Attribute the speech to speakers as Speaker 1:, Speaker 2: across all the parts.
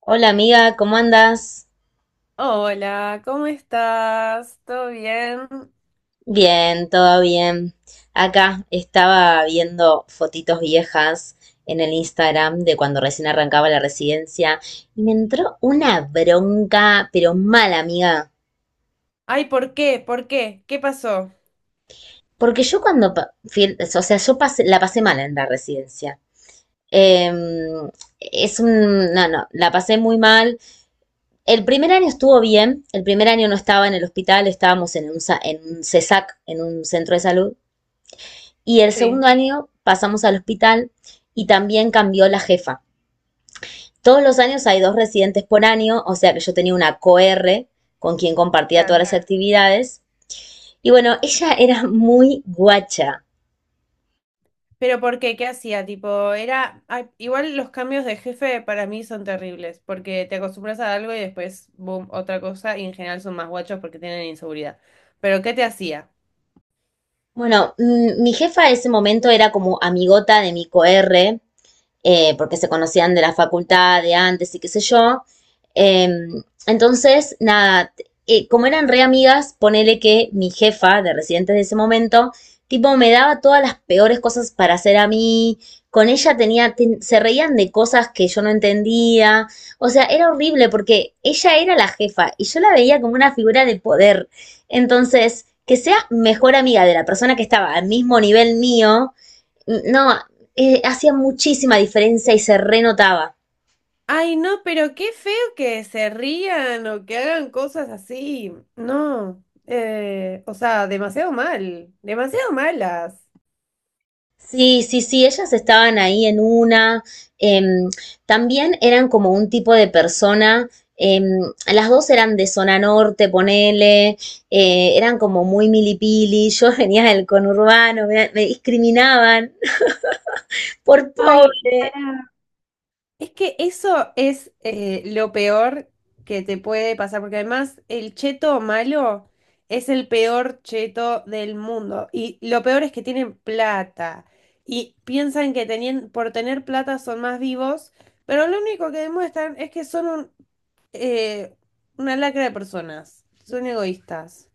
Speaker 1: Hola amiga, ¿cómo andas?
Speaker 2: Hola, ¿cómo estás? ¿Todo bien?
Speaker 1: Bien, todo bien. Acá estaba viendo fotitos viejas en el Instagram de cuando recién arrancaba la residencia y me entró una bronca, pero mala amiga,
Speaker 2: Ay, ¿por qué? ¿Por qué? ¿Qué pasó?
Speaker 1: porque yo cuando, o sea, la pasé mal en la residencia. Em, es un, no, no, la pasé muy mal. El primer año estuvo bien, el primer año no estaba en el hospital, estábamos en en un CESAC, en un centro de salud. Y el
Speaker 2: Sí,
Speaker 1: segundo año pasamos al hospital y también cambió la jefa. Todos los años hay dos residentes por año, o sea que yo tenía una co-r con quien compartía todas
Speaker 2: claro.
Speaker 1: las actividades. Y bueno, ella era muy guacha.
Speaker 2: Pero ¿por qué? ¿Qué hacía? Tipo, era... ay, igual los cambios de jefe para mí son terribles, porque te acostumbras a algo y después, boom, otra cosa, y en general son más guachos porque tienen inseguridad. Pero ¿qué te hacía?
Speaker 1: Bueno, mi jefa en ese momento era como amigota de mi co-r. Porque se conocían de la facultad de antes y qué sé yo. Eh, entonces, nada, como eran re amigas, ponele que mi jefa de residentes de ese momento, tipo, me daba todas las peores cosas para hacer a mí. Con ella se reían de cosas que yo no entendía. O sea, era horrible porque ella era la jefa y yo la veía como una figura de poder. Entonces, que sea mejor amiga de la persona que estaba al mismo nivel mío, no, hacía muchísima diferencia y se renotaba.
Speaker 2: Ay, no, pero qué feo que se rían o que hagan cosas así. No, o sea, demasiado mal, demasiado malas.
Speaker 1: Sí, sí, sí, ellas estaban ahí en una. em, También eran como un tipo de persona. em, las dos eran de zona norte, ponele, eran como muy milipili. Yo venía del conurbano, me discriminaban por
Speaker 2: Ay,
Speaker 1: pobre.
Speaker 2: para. Es que eso es lo peor que te puede pasar, porque además el cheto malo es el peor cheto del mundo. Y lo peor es que tienen plata y piensan que por tener plata son más vivos, pero lo único que demuestran es que son un eh, una lacra de personas, son egoístas.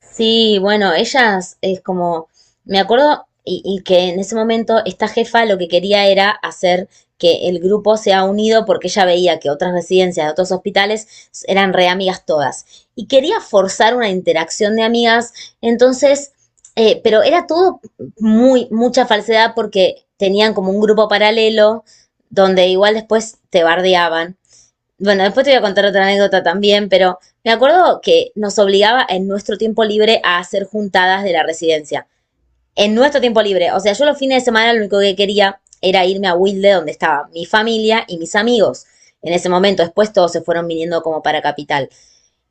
Speaker 1: Sí, bueno, ellas es como, me acuerdo y que en ese momento esta jefa lo que quería era hacer que el grupo sea unido porque ella veía que otras residencias de otros hospitales eran re amigas todas y quería forzar una interacción de amigas, entonces, pero era todo muy, mucha falsedad porque tenían como un grupo paralelo donde igual después te bardeaban. Bueno, después te voy a contar otra anécdota también, pero me acuerdo que nos obligaba en nuestro tiempo libre a hacer juntadas de la residencia. En nuestro tiempo libre. O sea, yo los fines de semana lo único que quería era irme a Wilde, donde estaba mi familia y mis amigos. En ese momento, después todos se fueron viniendo como para capital.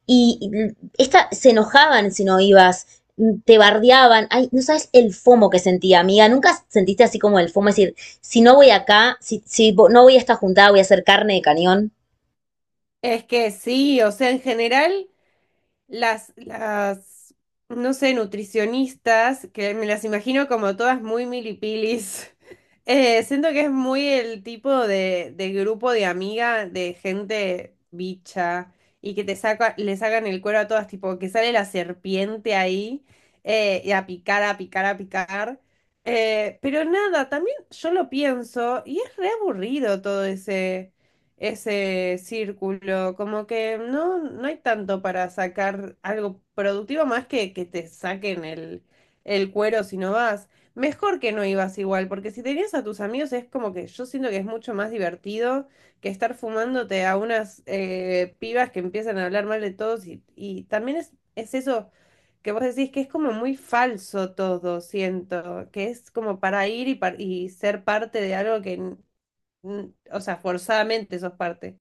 Speaker 1: Y esta, se enojaban si no ibas, te bardeaban. Ay, no sabes el fomo que sentía, amiga. Nunca sentiste así como el fomo, es decir, si no voy acá, si no voy a esta juntada, voy a hacer carne de cañón.
Speaker 2: Es que sí, o sea, en general, las, las, no sé, nutricionistas, que me las imagino como todas muy milipilis. Siento que es muy el tipo de grupo de amiga, de gente bicha, y que te saca, le sacan el cuero a todas, tipo que sale la serpiente ahí, y a picar, a picar, a picar. Pero nada, también yo lo pienso, y es re aburrido todo ese círculo, como que no, no hay tanto para sacar algo productivo más que te saquen el cuero si no vas. Mejor que no ibas igual, porque si tenías a tus amigos es como que yo siento que es mucho más divertido que estar fumándote a unas pibas que empiezan a hablar mal de todos y también es eso que vos decís que es como muy falso todo, siento, que es como para ir y ser parte de algo o sea, forzadamente sos parte.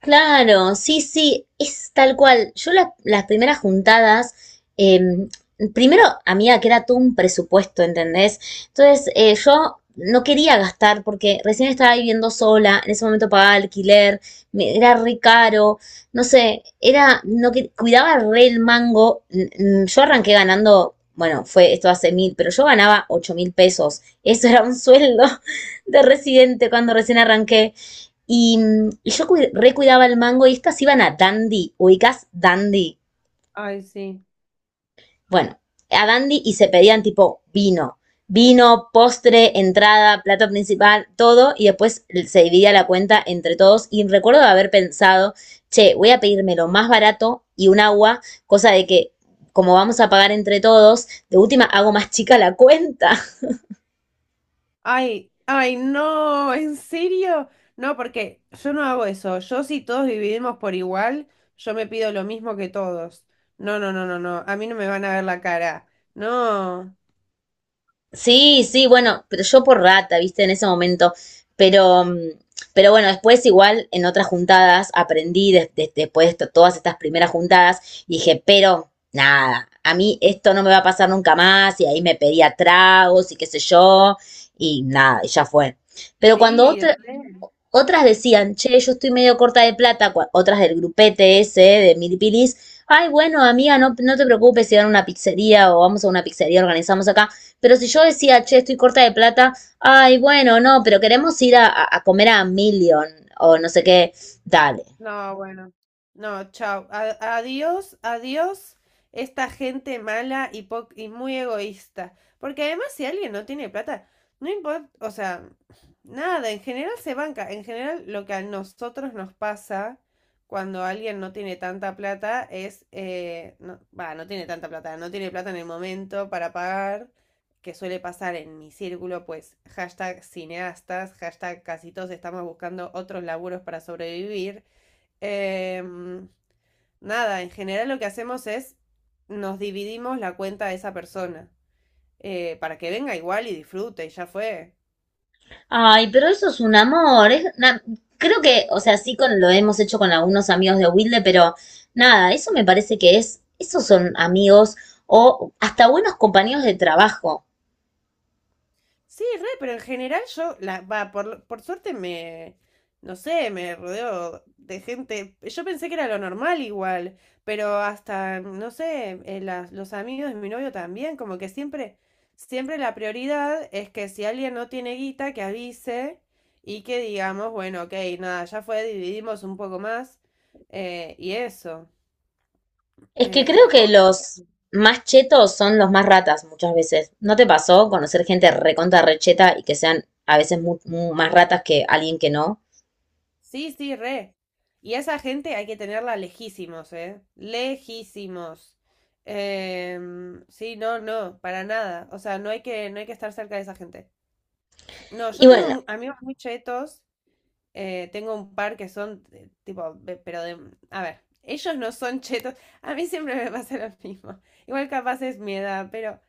Speaker 1: Claro, sí, sí, es tal cual. Las primeras juntadas, eh, primero, amiga, que era todo un presupuesto, ¿entendés? Entonces, yo no quería gastar porque recién estaba viviendo sola, en ese momento pagaba alquiler, era re caro, no sé, era, no que, cuidaba re el mango. Yo arranqué ganando, bueno, fue esto hace mil, pero yo ganaba 8.000 pesos. Eso era un sueldo de residente cuando recién arranqué. Y, y yo recuidaba el mango y estas iban a Dandy, ubicás Dandy.
Speaker 2: Ay, sí.
Speaker 1: Bueno, a Dandy y se pedían tipo vino, postre, entrada, plato principal, todo, y después se dividía la cuenta entre todos. Y recuerdo haber pensado, che, voy a pedirme lo más barato y un agua, cosa de que como vamos a pagar entre todos, de última hago más chica la cuenta.
Speaker 2: Ay, ay, no, ¿en serio? No, porque yo no hago eso. Yo si todos dividimos por igual, yo me pido lo mismo que todos. No, no, no, no, no. A mí no me van a ver la cara. No.
Speaker 1: Sí, sí, bueno, pero yo por rata, viste, en ese momento. Pero, pero bueno, después igual en otras juntadas aprendí después de todas estas primeras juntadas y dije, pero nada, a mí esto no me va a pasar nunca más y ahí me pedía tragos y qué sé yo y nada, y ya fue. Pero cuando
Speaker 2: Sí,
Speaker 1: otra
Speaker 2: re.
Speaker 1: otras decían, che, yo estoy medio corta de plata, otras del grupete ese de Milipilis, ay, bueno, amiga, no te preocupes si van a una pizzería o vamos a una pizzería, organizamos acá. Pero si yo decía, che, estoy corta de plata, ay, bueno, no, pero queremos ir comer a Million o no sé qué, dale.
Speaker 2: No, bueno. No, chao. Adiós, adiós esta gente mala y y muy egoísta. Porque además si alguien no tiene plata, no importa, o sea, nada, en general se banca. En general lo que a nosotros nos pasa cuando alguien no tiene tanta plata es, no, va, no tiene tanta plata, no tiene plata en el momento para pagar, que suele pasar en mi círculo, pues hashtag cineastas, hashtag casi todos estamos buscando otros laburos para sobrevivir. Em, Nada, en general lo que hacemos es nos dividimos la cuenta de esa persona para que venga igual y disfrute y ya fue.
Speaker 1: Ay, pero eso es un amor, creo que, o sea, sí con, lo hemos hecho con algunos amigos de Wilde, pero nada, eso me parece que es, esos son amigos o hasta buenos compañeros de trabajo.
Speaker 2: Sí, re, pero en general yo, la, va, por suerte no sé, me rodeo de gente, yo pensé que era lo normal igual, pero hasta, no sé, los amigos de mi novio también, como que siempre la prioridad es que si alguien no tiene guita, que avise y que digamos, bueno, ok, nada, ya fue, dividimos un poco más, y eso.
Speaker 1: Es que creo
Speaker 2: Eh,
Speaker 1: que los más chetos son los más ratas muchas veces. ¿No te pasó conocer gente recontra recheta y que sean a veces más ratas que alguien que no?
Speaker 2: Sí, sí, re. Y a esa gente hay que tenerla lejísimos, ¿eh? Lejísimos. Sí, no, no, para nada. O sea, no hay que, no hay que estar cerca de esa gente. No, yo
Speaker 1: Y
Speaker 2: tengo
Speaker 1: bueno,
Speaker 2: amigos muy chetos. Tengo un par que son tipo, de... pero de... A ver, ellos no son chetos. A mí siempre me pasa lo mismo. Igual capaz es mi edad, pero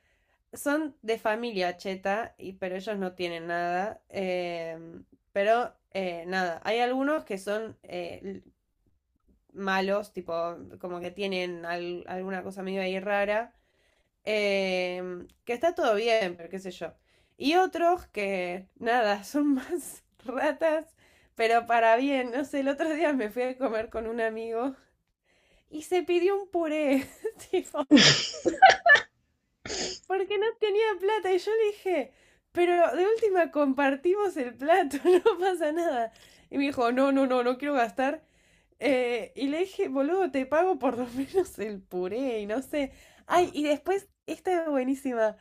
Speaker 2: son de familia cheta, y, pero ellos no tienen nada. Pero nada, hay algunos que son malos, tipo, como que tienen alguna cosa medio ahí rara, que está todo bien, pero qué sé yo. Y otros que, nada, son más ratas, pero para bien, no sé, el otro día me fui a comer con un amigo y se pidió un puré, tipo, porque no tenía plata y yo le dije, pero de última compartimos el plato, no pasa nada. Y me dijo, no, no, no, no quiero gastar. Y le dije, boludo, te pago por lo menos el puré y no sé. Ay, y después, esta es buenísima.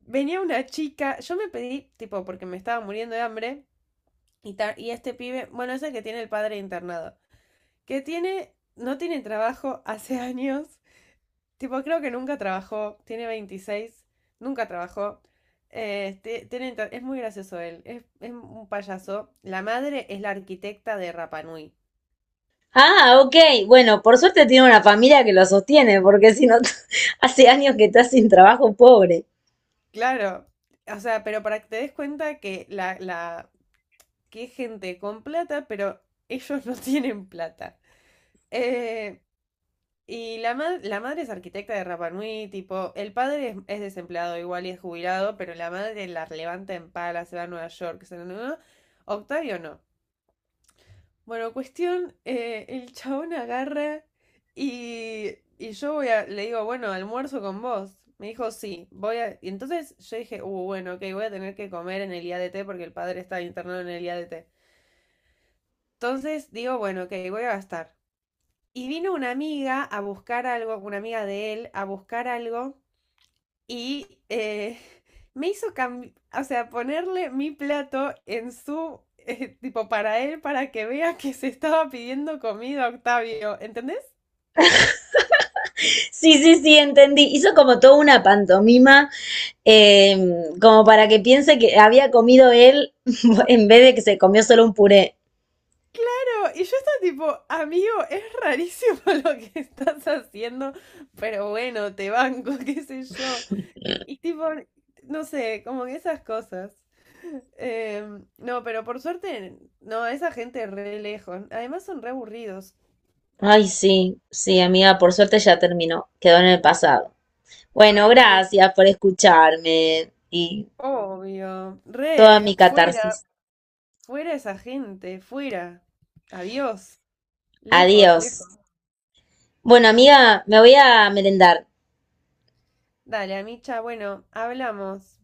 Speaker 2: Venía una chica, yo me pedí, tipo, porque me estaba muriendo de hambre, y este pibe, bueno, es el que tiene el padre internado, no tiene trabajo hace años, tipo, creo que nunca trabajó, tiene veintiséis, nunca trabajó. Es muy gracioso él, es un payaso. La madre es la arquitecta de Rapanui.
Speaker 1: ah, ok, bueno, por suerte tiene una familia que lo sostiene, porque si no, hace años que está sin trabajo pobre.
Speaker 2: Claro, o sea, pero para que te des cuenta que que es gente con plata, pero ellos no tienen plata. Eh, y la madre es arquitecta de Rapa Nui, tipo, el padre es desempleado igual y es jubilado, pero la madre la levanta en pala, se va a Nueva York, se va a Nueva- Octavio no. Bueno, cuestión, el chabón agarra y, y yo voy a, le digo, bueno, almuerzo con vos. Me dijo, sí, voy a... Y entonces yo dije, bueno, ok, voy a tener que comer en el IADT porque el padre está internado en el IADT. Entonces digo, bueno, ok, voy a gastar. Y vino una amiga a buscar algo, una amiga de él, a buscar algo y me hizo cambiar, o sea, ponerle mi plato en su, tipo, para él, para que vea que se estaba pidiendo comida, Octavio, ¿entendés?
Speaker 1: Sí, sí, sí, entendí. Hizo como toda una pantomima, eh, como para que piense que había comido él en vez de que se comió solo un puré.
Speaker 2: Pero, y yo estaba tipo, amigo, es rarísimo lo que estás haciendo, pero bueno, te banco, qué sé yo. Y tipo, no sé, como que esas cosas. No, pero por suerte, no, esa gente re lejos. Además son re aburridos.
Speaker 1: Ay, sí, sí, amiga, por suerte ya terminó, quedó en el pasado. Bueno,
Speaker 2: Ay, sí.
Speaker 1: gracias por escucharme y
Speaker 2: Obvio.
Speaker 1: toda
Speaker 2: Re,
Speaker 1: mi
Speaker 2: fuera,
Speaker 1: catarsis.
Speaker 2: fuera esa gente, fuera. Adiós. Lejos,
Speaker 1: Adiós.
Speaker 2: lejos.
Speaker 1: Bueno, amiga, me voy a merendar.
Speaker 2: Dale, Amicha, bueno, hablamos.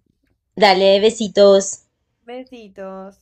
Speaker 1: Dale, besitos.
Speaker 2: Besitos.